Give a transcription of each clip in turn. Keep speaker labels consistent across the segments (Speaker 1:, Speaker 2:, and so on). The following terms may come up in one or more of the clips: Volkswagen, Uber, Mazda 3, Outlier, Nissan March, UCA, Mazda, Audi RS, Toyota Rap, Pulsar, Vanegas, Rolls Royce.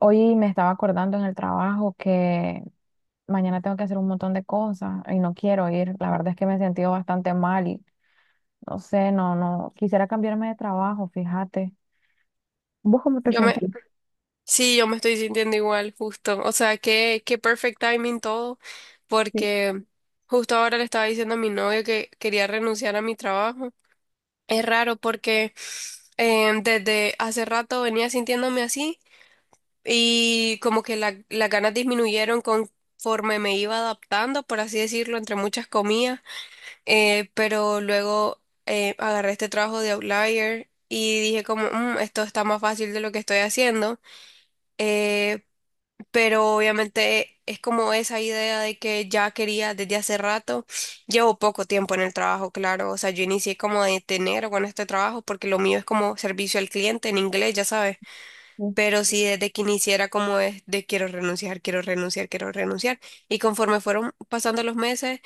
Speaker 1: Hoy me estaba acordando en el trabajo que mañana tengo que hacer un montón de cosas y no quiero ir. La verdad es que me he sentido bastante mal y no sé, no, no, quisiera cambiarme de trabajo, fíjate. ¿Vos cómo te
Speaker 2: Yo me,
Speaker 1: sentís?
Speaker 2: sí, yo me estoy sintiendo igual, justo. O sea, qué perfect timing todo,
Speaker 1: Sí,
Speaker 2: porque justo ahora le estaba diciendo a mi novio que quería renunciar a mi trabajo. Es raro porque desde hace rato venía sintiéndome así y como que las ganas disminuyeron conforme me iba adaptando, por así decirlo, entre muchas comillas. Pero luego agarré este trabajo de Outlier y dije como, Esto está más fácil de lo que estoy haciendo." eh, pero obviamente es como esa idea de que ya quería desde hace rato. Llevo poco tiempo en el trabajo, claro, o sea, yo inicié como de enero con este trabajo porque lo mío es como servicio al cliente en inglés, ya sabes,
Speaker 1: sí.
Speaker 2: pero sí desde que iniciara como es de quiero renunciar, quiero renunciar, quiero renunciar. Y conforme fueron pasando los meses,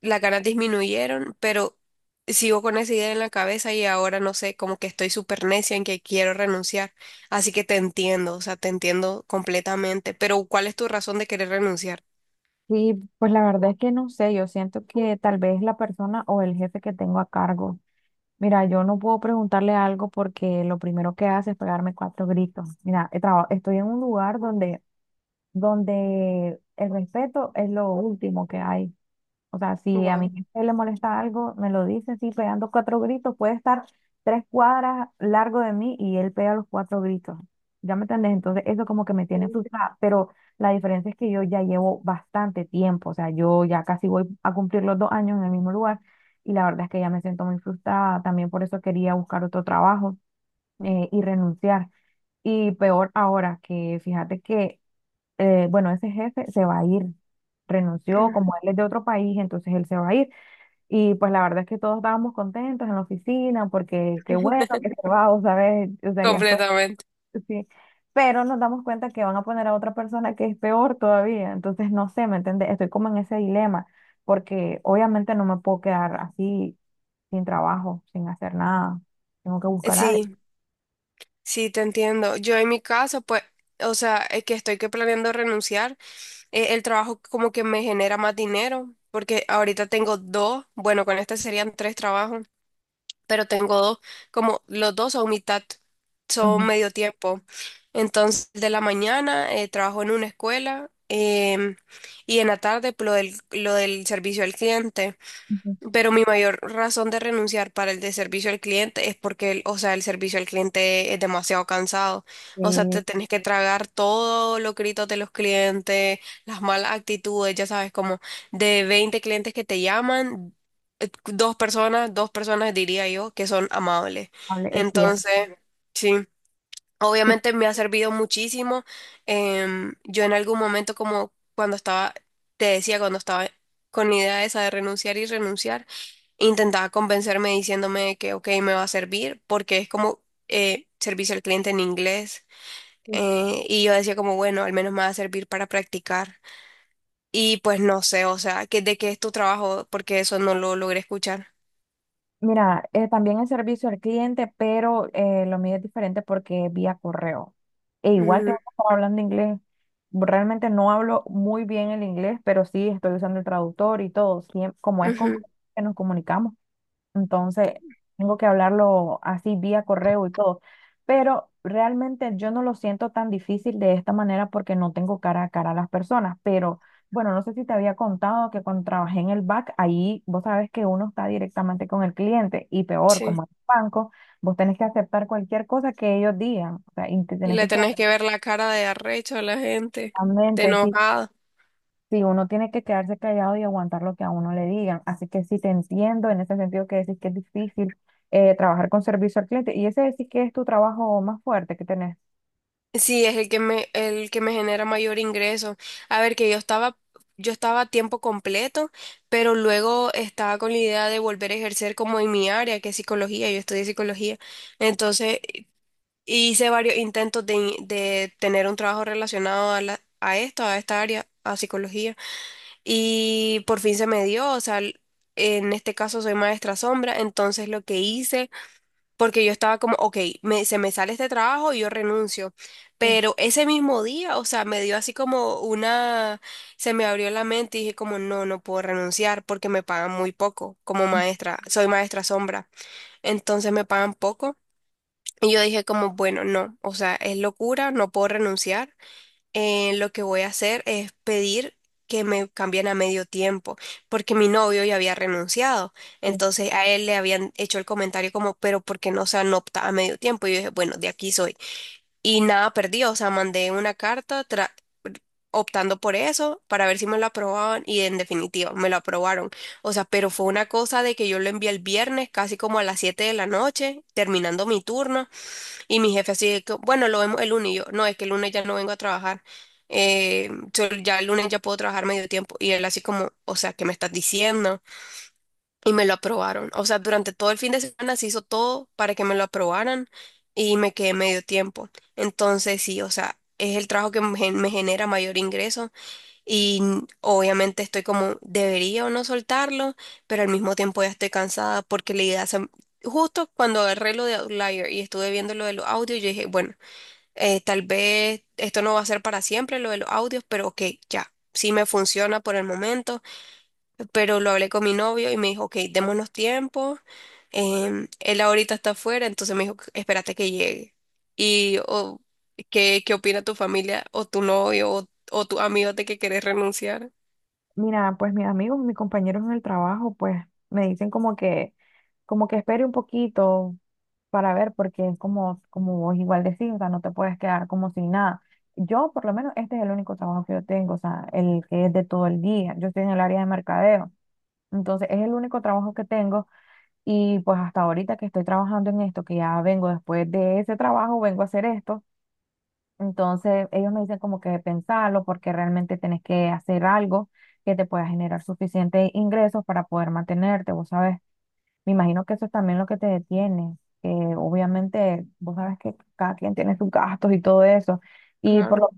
Speaker 2: las ganas disminuyeron, pero sigo con esa idea en la cabeza y ahora no sé, como que estoy súper necia en que quiero renunciar. Así que te entiendo, o sea, te entiendo completamente. Pero ¿cuál es tu razón de querer renunciar?
Speaker 1: Sí, pues la verdad es que no sé, yo siento que tal vez la persona o el jefe que tengo a cargo. Mira, yo no puedo preguntarle algo porque lo primero que hace es pegarme cuatro gritos. Mira, estoy en un lugar donde el respeto es lo último que hay. O sea, si a mi
Speaker 2: Wow.
Speaker 1: jefe le molesta algo, me lo dice así, pegando cuatro gritos. Puede estar 3 cuadras largo de mí y él pega los cuatro gritos. ¿Ya me entendés? Entonces, eso como que me tiene frustrada. Pero la diferencia es que yo ya llevo bastante tiempo. O sea, yo ya casi voy a cumplir los 2 años en el mismo lugar. Y la verdad es que ya me siento muy frustrada. También por eso quería buscar otro trabajo y renunciar. Y peor ahora, que fíjate que, bueno, ese jefe se va a ir, renunció, como él es de otro país, entonces él se va a ir. Y pues la verdad es que todos estábamos contentos en la oficina porque qué bueno que se va, o ¿sabes? O sea, ya todo,
Speaker 2: Completamente.
Speaker 1: sí. Pero nos damos cuenta que van a poner a otra persona que es peor todavía. Entonces, no sé, ¿me entiendes? Estoy como en ese dilema porque obviamente no me puedo quedar así sin trabajo, sin hacer nada. Tengo que buscar algo.
Speaker 2: Sí, sí, te entiendo. Yo en mi caso, pues, o sea, es que estoy que planeando renunciar. El trabajo como que me genera más dinero, porque ahorita tengo dos, bueno, con este serían tres trabajos. Pero tengo dos, como los dos son mitad, son
Speaker 1: Ujú,
Speaker 2: medio tiempo. Entonces, de la mañana trabajo en una escuela, y en la tarde pues, lo del servicio al cliente.
Speaker 1: ujú.
Speaker 2: Pero mi mayor razón de renunciar para el de servicio al cliente es porque, o sea, el servicio al cliente es demasiado cansado. O sea,
Speaker 1: Sí,
Speaker 2: te tenés que tragar todos los gritos de los clientes, las malas actitudes, ya sabes, como de 20 clientes que te llaman, dos personas diría yo, que son amables.
Speaker 1: es cierto.
Speaker 2: Entonces, sí, obviamente me ha servido muchísimo. Yo en algún momento, como cuando estaba, te decía, cuando estaba con la idea esa de renunciar y renunciar intentaba convencerme diciéndome que, ok, me va a servir, porque es como servicio al cliente en inglés.
Speaker 1: Sí.
Speaker 2: Y yo decía como, bueno, al menos me va a servir para practicar. Y pues no sé, o sea, que, ¿de qué es tu trabajo? Porque eso no lo logré escuchar.
Speaker 1: Mira, también es servicio al cliente, pero lo mío es diferente porque es vía correo. E igual
Speaker 2: Mm.
Speaker 1: tengo que estar hablando inglés. Realmente no hablo muy bien el inglés, pero sí estoy usando el traductor y todo. Como es con
Speaker 2: Ujú.
Speaker 1: que nos comunicamos. Entonces, tengo que hablarlo así vía correo y todo. Pero realmente yo no lo siento tan difícil de esta manera porque no tengo cara a cara a las personas. Pero bueno, no sé si te había contado que cuando trabajé en el back, ahí vos sabes que uno está directamente con el cliente y peor,
Speaker 2: Sí.
Speaker 1: como en el banco, vos tenés que aceptar cualquier cosa que ellos digan. O sea, y te tenés
Speaker 2: Le
Speaker 1: que quedar
Speaker 2: tenés que ver la cara de arrecho a la gente, de
Speaker 1: realmente.
Speaker 2: enojado.
Speaker 1: Sí, uno tiene que quedarse callado y aguantar lo que a uno le digan. Así que sí te entiendo en ese sentido que decís que es difícil trabajar con servicio al cliente. Y ese decís que es tu trabajo más fuerte que tenés.
Speaker 2: Sí, es el que me genera mayor ingreso. A ver, que yo estaba a tiempo completo, pero luego estaba con la idea de volver a ejercer como en mi área, que es psicología, yo estudié psicología. Entonces, hice varios intentos de, de tener un trabajo relacionado a la, a esto, a esta área, a psicología. Y por fin se me dio, o sea, en este caso soy maestra sombra, entonces lo que hice porque yo estaba como, ok, se me sale este trabajo y yo renuncio.
Speaker 1: Sí.
Speaker 2: Pero ese mismo día, o sea, me dio así como una, se me abrió la mente y dije como, no, no puedo renunciar porque me pagan muy poco como maestra, soy maestra sombra. Entonces me pagan poco. Y yo dije como, bueno, no, o sea, es locura, no puedo renunciar. Lo que voy a hacer es pedir que me cambien a medio tiempo, porque mi novio ya había renunciado.
Speaker 1: Sí.
Speaker 2: Entonces a él le habían hecho el comentario como, pero ¿por qué no se anopta a medio tiempo? Y yo dije, bueno, de aquí soy. Y nada perdí, o sea, mandé una carta optando por eso para ver si me lo aprobaban y en definitiva me lo aprobaron. O sea, pero fue una cosa de que yo lo envié el viernes casi como a las 7 de la noche, terminando mi turno. Y mi jefe así de que, bueno, lo vemos el lunes. Y yo, no, es que el lunes ya no vengo a trabajar. Yo ya el lunes ya puedo trabajar medio tiempo. Y él así como, o sea, ¿qué me estás diciendo? Y me lo aprobaron. O sea, durante todo el fin de semana se hizo todo para que me lo aprobaran y me quedé medio tiempo. Entonces, sí, o sea, es el trabajo que me genera mayor ingreso y obviamente estoy como, debería o no soltarlo, pero al mismo tiempo ya estoy cansada porque la idea se- Justo cuando agarré lo de Outlier y estuve viendo lo de los audios, yo dije, bueno, tal vez esto no va a ser para siempre, lo de los audios, pero ok, ya, sí me funciona por el momento, pero lo hablé con mi novio y me dijo, ok, démonos tiempo, él ahorita está afuera, entonces me dijo, espérate que llegue. Y o, ¿qué opina tu familia o tu novio o tu amigo de que querés renunciar?
Speaker 1: Mira, pues mis amigos, mis compañeros en el trabajo, pues me dicen como que espere un poquito para ver, porque es como, como vos igual decís, o sea, no te puedes quedar como sin nada. Yo, por lo menos, este es el único trabajo que yo tengo, o sea, el que es de todo el día. Yo estoy en el área de mercadeo, entonces es el único trabajo que tengo. Y pues hasta ahorita que estoy trabajando en esto, que ya vengo después de ese trabajo, vengo a hacer esto. Entonces ellos me dicen como que pensarlo porque realmente tenés que hacer algo que te pueda generar suficientes ingresos para poder mantenerte, vos sabes. Me imagino que eso es también lo que te detiene, que obviamente vos sabes que cada quien tiene sus gastos y todo eso. Y por
Speaker 2: Claro.
Speaker 1: lo,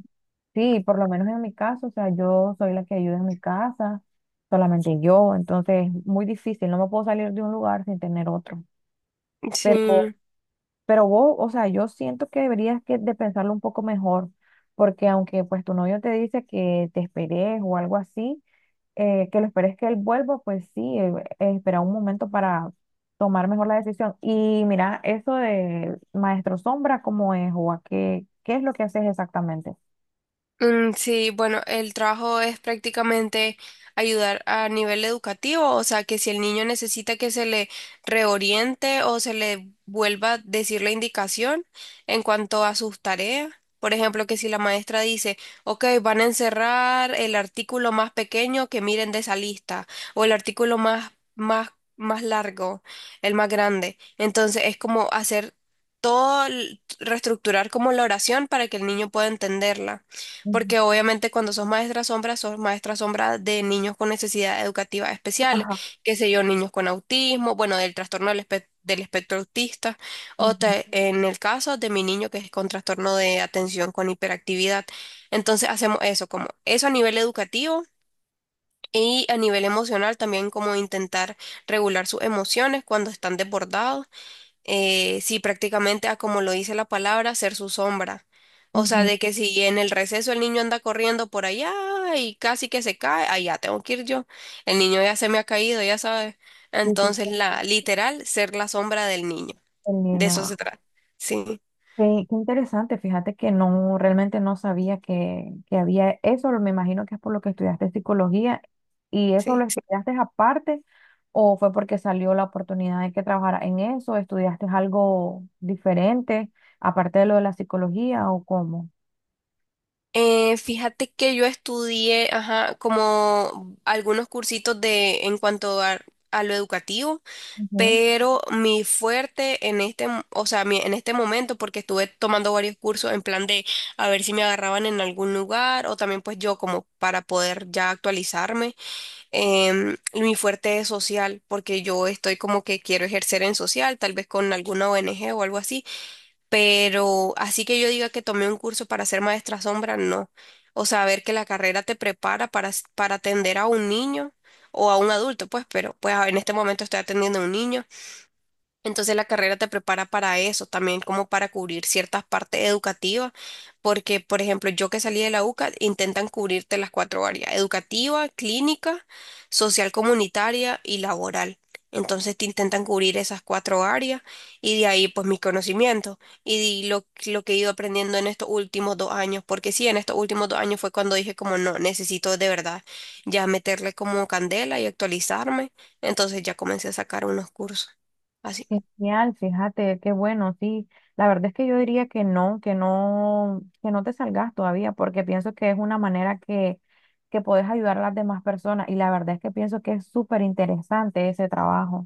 Speaker 1: sí, por lo menos en mi caso, o sea, yo soy la que ayuda en mi casa, solamente yo, entonces muy difícil, no me puedo salir de un lugar sin tener otro. Pero,
Speaker 2: Sí.
Speaker 1: pero vos, o sea, yo siento que deberías que de pensarlo un poco mejor, porque aunque pues tu novio te dice que te esperes o algo así, que lo esperes que él vuelva, pues sí, espera un momento para tomar mejor la decisión. Y mira, eso de Maestro Sombra, ¿cómo es? ¿O a qué, qué es lo que haces exactamente?
Speaker 2: Sí, bueno, el trabajo es prácticamente ayudar a nivel educativo, o sea, que si el niño necesita que se le reoriente o se le vuelva a decir la indicación en cuanto a sus tareas, por ejemplo, que si la maestra dice, ok, van a encerrar el artículo más pequeño que miren de esa lista, o el artículo más largo, el más grande, entonces es como hacer todo, reestructurar como la oración para que el niño pueda entenderla.
Speaker 1: Ujú.
Speaker 2: Porque obviamente cuando sos maestra sombra de niños con necesidades educativas especiales,
Speaker 1: Ajá.
Speaker 2: qué sé yo, niños con autismo, bueno, del trastorno del espectro autista,
Speaker 1: Ujú,
Speaker 2: en el caso de mi niño que es con trastorno de atención con hiperactividad. Entonces hacemos eso, como eso a nivel educativo y a nivel emocional también, como intentar regular sus emociones cuando están desbordados. Sí, prácticamente a como lo dice la palabra, ser su sombra. O sea,
Speaker 1: ujú.
Speaker 2: de que si en el receso el niño anda corriendo por allá y casi que se cae, allá tengo que ir yo. El niño ya se me ha caído, ya sabes.
Speaker 1: Sí, sí,
Speaker 2: Entonces,
Speaker 1: sí,
Speaker 2: la literal, ser la sombra del niño.
Speaker 1: el
Speaker 2: De eso
Speaker 1: niño.
Speaker 2: se trata. Sí,
Speaker 1: Qué, qué interesante, fíjate que no, realmente no sabía que había eso, me imagino que es por lo que estudiaste psicología y eso lo
Speaker 2: sí.
Speaker 1: estudiaste aparte, o fue porque salió la oportunidad de que trabajara en eso, estudiaste algo diferente aparte de lo de la psicología o cómo.
Speaker 2: Fíjate que yo estudié, ajá, como algunos cursitos de en cuanto a lo educativo. Pero mi fuerte en este, mo- o sea, mi- en este momento, porque estuve tomando varios cursos en plan de a ver si me agarraban en algún lugar o también pues yo como para poder ya actualizarme, mi fuerte es social, porque yo estoy como que quiero ejercer en social, tal vez con alguna ONG o algo así, pero así que yo diga que tomé un curso para ser maestra sombra, no. O sea, ver que la carrera te prepara para, para atender a un niño o a un adulto, pues, pero pues en este momento estoy atendiendo a un niño. Entonces la carrera te prepara para eso, también como para cubrir ciertas partes educativas, porque por ejemplo yo que salí de la UCA intentan cubrirte las cuatro áreas, educativa, clínica, social comunitaria y laboral. Entonces te intentan cubrir esas cuatro áreas y de ahí pues mis conocimientos y lo que he ido aprendiendo en estos últimos 2 años, porque sí, en estos últimos 2 años fue cuando dije como no, necesito de verdad ya meterle como candela y actualizarme, entonces ya comencé a sacar unos cursos. Así.
Speaker 1: Genial, fíjate, qué bueno, sí. La verdad es que yo diría que no, que no, que no te salgas todavía, porque pienso que es una manera que puedes ayudar a las demás personas y la verdad es que pienso que es súper interesante ese trabajo.